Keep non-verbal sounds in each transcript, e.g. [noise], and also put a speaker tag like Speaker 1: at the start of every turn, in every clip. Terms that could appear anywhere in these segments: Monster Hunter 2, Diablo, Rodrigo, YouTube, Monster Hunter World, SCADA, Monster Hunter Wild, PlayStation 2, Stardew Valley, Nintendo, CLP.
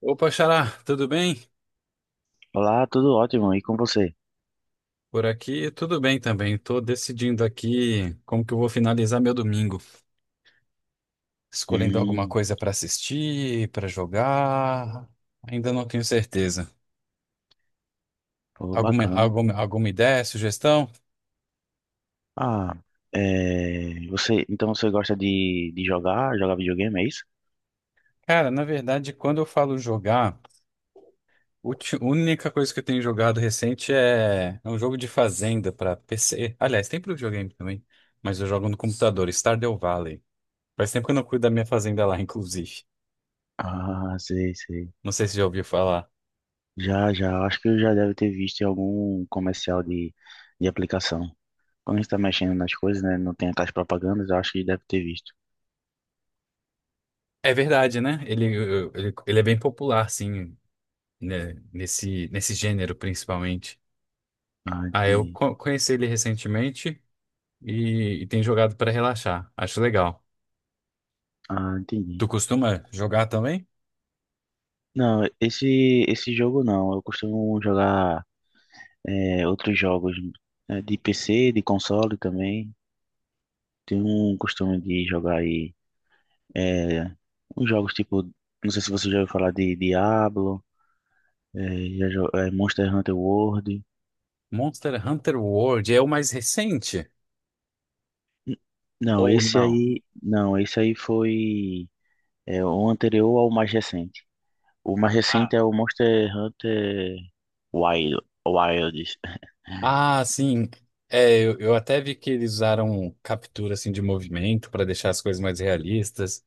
Speaker 1: Opa, Xará, tudo bem?
Speaker 2: Olá, tudo ótimo. E com você?
Speaker 1: Por aqui, tudo bem também. Estou decidindo aqui como que eu vou finalizar meu domingo. Escolhendo alguma
Speaker 2: Hum,
Speaker 1: coisa para assistir, para jogar. Ainda não tenho certeza.
Speaker 2: pô,
Speaker 1: Alguma,
Speaker 2: bacana.
Speaker 1: alguma, alguma ideia, sugestão?
Speaker 2: Ah, é, então você gosta de jogar, videogame, é isso?
Speaker 1: Cara, na verdade, quando eu falo jogar, a única coisa que eu tenho jogado recente é um jogo de fazenda para PC. Aliás, tem para videogame também, mas eu jogo no computador, Stardew Valley. Faz tempo que eu não cuido da minha fazenda lá, [laughs] inclusive.
Speaker 2: Ah, sei, sei.
Speaker 1: Não sei se já ouviu falar.
Speaker 2: Já, já, acho que eu já deve ter visto em algum comercial de aplicação. Quando a gente tá mexendo nas coisas, né, não tem aquelas propagandas, eu acho que deve ter visto.
Speaker 1: É verdade, né? Ele é bem popular, sim, né? Nesse gênero, principalmente.
Speaker 2: Ah,
Speaker 1: Ah, eu
Speaker 2: entendi.
Speaker 1: co- conheci ele recentemente e tenho jogado para relaxar. Acho legal.
Speaker 2: Ah, entendi.
Speaker 1: Tu costuma jogar também?
Speaker 2: Não, esse jogo não, eu costumo jogar outros jogos de PC, de console também. Tem um costume de jogar aí é, uns jogos tipo, não sei se você já ouviu falar de Diablo, é, é, Monster Hunter World.
Speaker 1: Monster Hunter World é o mais recente?
Speaker 2: N- Não,
Speaker 1: Ou não?
Speaker 2: esse aí foi é, o anterior ao mais recente. O mais recente é
Speaker 1: Ah,
Speaker 2: o Monster Hunter Wild, Wilds.
Speaker 1: ah, sim. É, eu até vi que eles usaram captura assim de movimento para deixar as coisas mais realistas.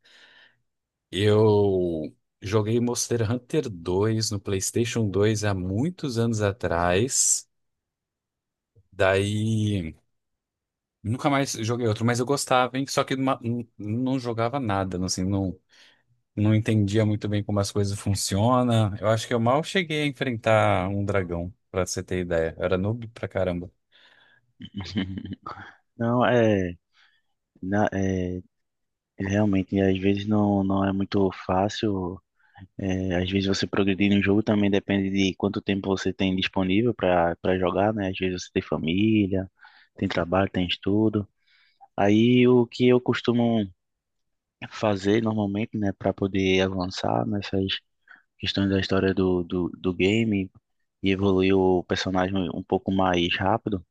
Speaker 1: Eu joguei Monster Hunter 2 no PlayStation 2 há muitos anos atrás. Daí nunca mais joguei outro, mas eu gostava, hein? Só que não jogava nada, assim, não, não entendia muito bem como as coisas funcionam. Eu acho que eu mal cheguei a enfrentar um dragão, pra você ter ideia. Eu era noob pra caramba.
Speaker 2: [laughs] Não, é, na- é realmente, às vezes não, não é muito fácil. É, às vezes você progredir no jogo também depende de quanto tempo você tem disponível para jogar, né? Às vezes você tem família, tem trabalho, tem estudo. Aí o que eu costumo fazer normalmente, né, para poder avançar nessas questões da história do game e evoluir o personagem um pouco mais rápido,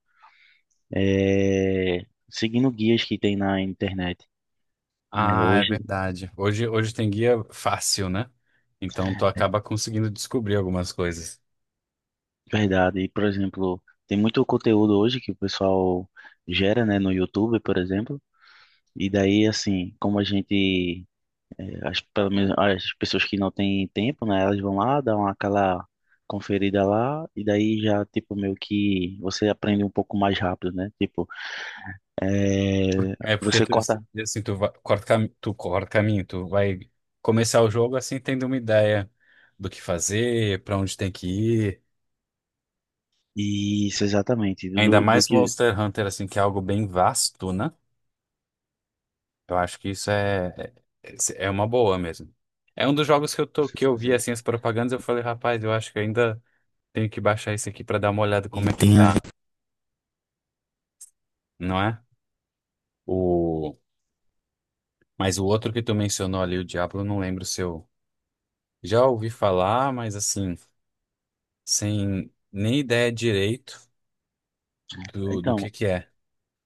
Speaker 2: é seguindo guias que tem na internet. Né?
Speaker 1: Ah, é
Speaker 2: Hoje,
Speaker 1: verdade. Hoje tem guia fácil, né? Então tu acaba conseguindo descobrir algumas coisas.
Speaker 2: verdade. E, por exemplo, tem muito conteúdo hoje que o pessoal gera, né, no YouTube, por exemplo. E daí, assim, como a gente, eh, as, pelo menos as pessoas que não têm tempo, né, elas vão lá, dão aquela conferida lá, e daí já, tipo, meio que você aprende um pouco mais rápido, né? Tipo,
Speaker 1: É porque
Speaker 2: você
Speaker 1: tu,
Speaker 2: corta.
Speaker 1: assim, tu vai, tu corta caminho, tu vai começar o jogo assim tendo uma ideia do que fazer, pra onde tem que ir.
Speaker 2: Isso, exatamente. Do,
Speaker 1: Ainda
Speaker 2: do do
Speaker 1: mais
Speaker 2: que
Speaker 1: Monster Hunter, assim, que é algo bem vasto, né? Eu acho que isso é uma boa mesmo. É um dos jogos que eu tô,
Speaker 2: você
Speaker 1: que eu vi,
Speaker 2: fazer.
Speaker 1: assim, as propagandas, eu falei, rapaz, eu acho que ainda tenho que baixar esse aqui pra dar uma olhada
Speaker 2: E
Speaker 1: como é que tá, não é? O, mas o outro que tu mencionou ali, o Diablo, eu não lembro se eu já ouvi falar, mas assim, sem nem ideia direito do, do que
Speaker 2: então,
Speaker 1: que é.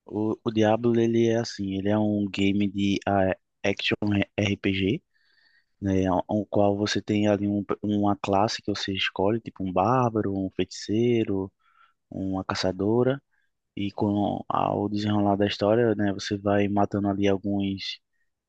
Speaker 2: o Diablo, ele é assim, ele é um game de action RPG, né, o qual você tem ali uma classe que você escolhe, tipo um bárbaro, um feiticeiro, uma caçadora, e com ao desenrolar da história, né, você vai matando ali alguns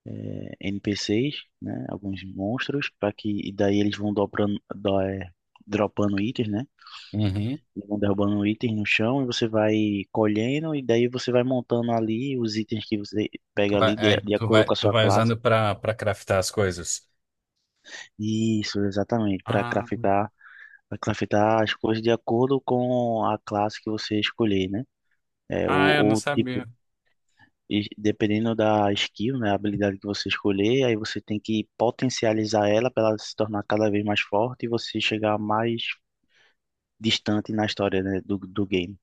Speaker 2: NPCs, né, alguns monstros, para que e daí eles vão dropando itens, né,
Speaker 1: Uhum.
Speaker 2: eles vão derrubando itens no chão e você vai colhendo, e daí você vai montando ali os itens que você
Speaker 1: Tu
Speaker 2: pega
Speaker 1: vai,
Speaker 2: ali
Speaker 1: aí
Speaker 2: de acordo com a
Speaker 1: tu
Speaker 2: sua
Speaker 1: vai
Speaker 2: classe.
Speaker 1: usando pra, pra craftar as coisas.
Speaker 2: Isso, exatamente,
Speaker 1: Ah,
Speaker 2: para craftar as coisas de acordo com a classe que você escolher, né? É,
Speaker 1: ah, eu não
Speaker 2: ou tipo,
Speaker 1: sabia.
Speaker 2: e dependendo da skill, né, a habilidade que você escolher, aí você tem que potencializar ela para ela se tornar cada vez mais forte e você chegar mais distante na história, né, do game.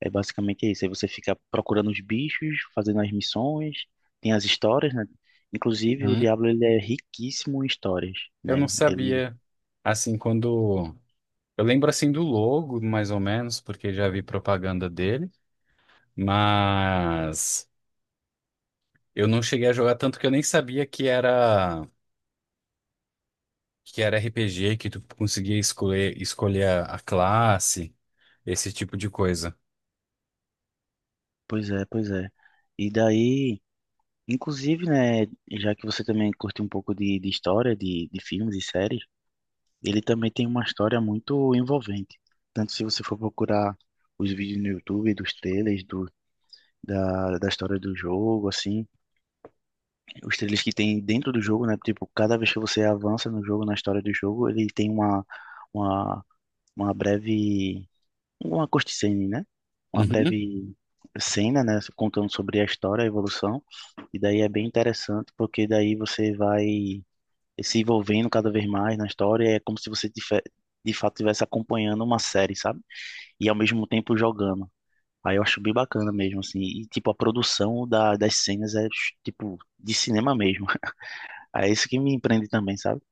Speaker 2: É basicamente isso. Aí você fica procurando os bichos, fazendo as missões, tem as histórias, né? Inclusive, o
Speaker 1: Uhum.
Speaker 2: Diablo ele é riquíssimo em histórias,
Speaker 1: Eu não
Speaker 2: né?
Speaker 1: sabia. Assim, quando. Eu lembro assim do logo, mais ou menos, porque já vi propaganda dele, mas eu não cheguei a jogar tanto que eu nem sabia que era RPG, que tu conseguia escolher a classe, esse tipo de coisa.
Speaker 2: Pois é, pois é. E daí, inclusive, né, já que você também curte um pouco de história, de filmes e séries, ele também tem uma história muito envolvente. Tanto se você for procurar os vídeos no YouTube, dos trailers, da história do jogo, assim, os trilhos que tem dentro do jogo, né? Tipo, cada vez que você avança no jogo, na história do jogo, ele tem uma, uma breve, uma cutscene, né? Uma
Speaker 1: Uhum.
Speaker 2: breve cena, né? Contando sobre a história, a evolução. E daí é bem interessante, porque daí você vai se envolvendo cada vez mais na história. É como se você de fato estivesse acompanhando uma série, sabe? E ao mesmo tempo jogando. Aí eu acho bem bacana mesmo, assim. E, tipo, a produção das cenas é, tipo, de cinema mesmo. É isso que me empreende também, sabe?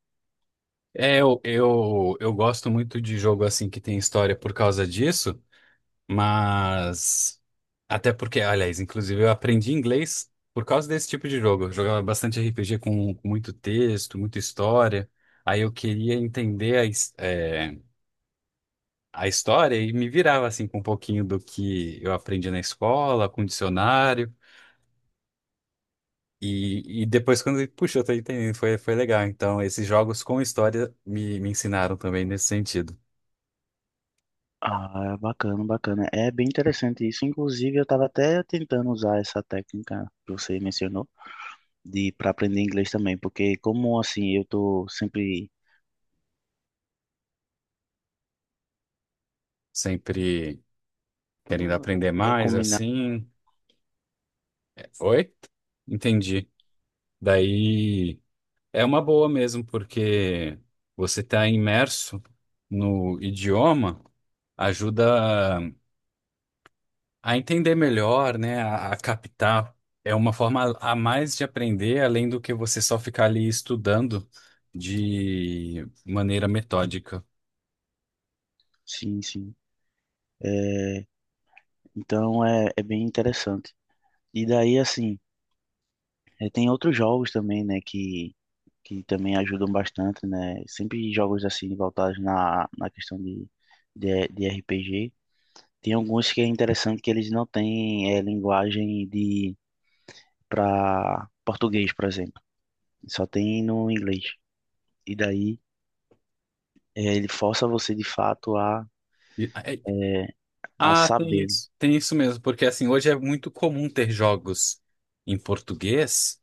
Speaker 1: É, eu gosto muito de jogo assim que tem história por causa disso, mas até porque, aliás, inclusive eu aprendi inglês por causa desse tipo de jogo. Eu jogava bastante RPG com muito texto, muita história. Aí eu queria entender a história e me virava assim com um pouquinho do que eu aprendi na escola, com dicionário. E depois quando, puxa, eu tô entendendo, foi legal. Então, esses jogos com história me ensinaram também nesse sentido.
Speaker 2: Ah, bacana, bacana. É bem interessante isso. Inclusive, eu estava até tentando usar essa técnica que você mencionou de para aprender inglês também, porque como assim, eu tô sempre
Speaker 1: Sempre querendo
Speaker 2: como
Speaker 1: aprender
Speaker 2: puder
Speaker 1: mais,
Speaker 2: combinar.
Speaker 1: assim. É, Oi? Entendi. Daí é uma boa mesmo, porque você está imerso no idioma, ajuda a entender melhor, né? A captar. É uma forma a mais de aprender, além do que você só ficar ali estudando de maneira metódica.
Speaker 2: Sim, sim. É, então é, é bem interessante. E daí assim, é, tem outros jogos também, né, que também ajudam bastante, né? Sempre jogos assim voltados na questão de RPG. Tem alguns que é interessante que eles não têm linguagem de para português, por exemplo. Só tem no inglês. E daí ele força você de fato
Speaker 1: E- é-
Speaker 2: a
Speaker 1: ah, tem
Speaker 2: saber.
Speaker 1: isso. Tem isso mesmo, porque assim, hoje é muito comum ter jogos em português.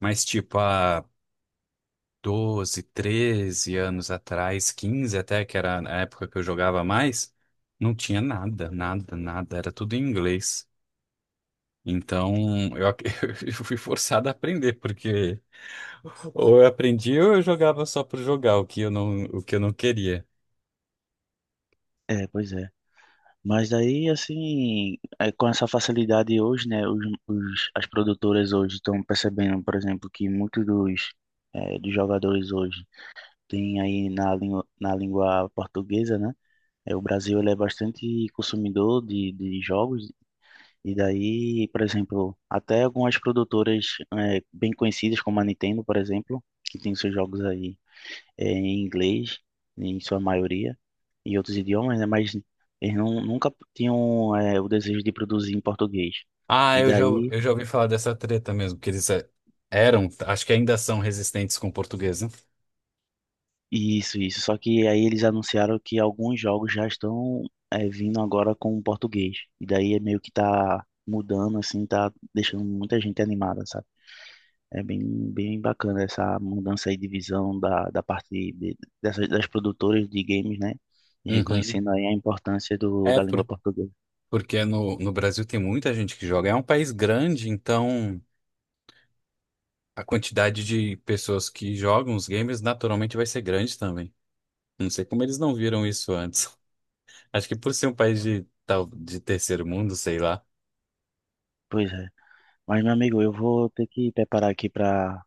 Speaker 1: Mas tipo, há 12, 13 anos atrás, 15 até, que era a época que eu jogava mais, não tinha nada, nada, nada, era tudo em inglês. Então eu, [laughs] eu fui forçado a aprender, porque ou eu aprendi ou eu jogava só por jogar, o que eu não, o que eu não queria.
Speaker 2: É, pois é. Mas daí, assim, com essa facilidade hoje, né, as produtoras hoje estão percebendo, por exemplo, que muitos dos jogadores hoje têm aí na língua portuguesa, né? É, o Brasil ele é bastante consumidor de jogos. E daí, por exemplo, até algumas produtoras bem conhecidas, como a Nintendo, por exemplo, que tem seus jogos aí em inglês, em sua maioria, e outros idiomas, né? Mas eles não, nunca tinham o desejo de produzir em português.
Speaker 1: Ah,
Speaker 2: E
Speaker 1: eu já,
Speaker 2: daí,
Speaker 1: eu já ouvi falar dessa treta mesmo, que eles eram, acho que ainda são resistentes com o português, né?
Speaker 2: isso, isso. Só que aí eles anunciaram que alguns jogos já estão vindo agora com português. E daí é meio que tá mudando, assim, tá deixando muita gente animada, sabe? É bem, bem bacana essa mudança aí de visão da parte dessas, das produtoras de games, né? E
Speaker 1: Uhum.
Speaker 2: reconhecendo aí a importância
Speaker 1: É
Speaker 2: da língua
Speaker 1: por-
Speaker 2: portuguesa.
Speaker 1: porque no Brasil tem muita gente que joga. É um país grande, então a quantidade de pessoas que jogam os games naturalmente vai ser grande também. Não sei como eles não viram isso antes. [laughs] Acho que por ser um país de, tal, de terceiro mundo, sei lá.
Speaker 2: Pois é. Mas, meu amigo, eu vou ter que preparar aqui para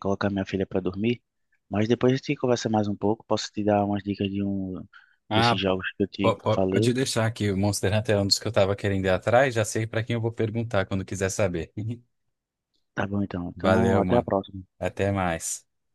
Speaker 2: colocar minha filha para dormir. Mas depois a gente conversa mais um pouco. Posso te dar umas dicas de um
Speaker 1: Ah,
Speaker 2: desses
Speaker 1: po-
Speaker 2: jogos que eu te
Speaker 1: pode
Speaker 2: falei?
Speaker 1: deixar que o Monster Hunter é um dos que eu tava querendo ir atrás. Já sei pra quem eu vou perguntar quando quiser saber. [laughs]
Speaker 2: Tá bom, então. Então,
Speaker 1: Valeu,
Speaker 2: até a
Speaker 1: mano.
Speaker 2: próxima.
Speaker 1: Até mais.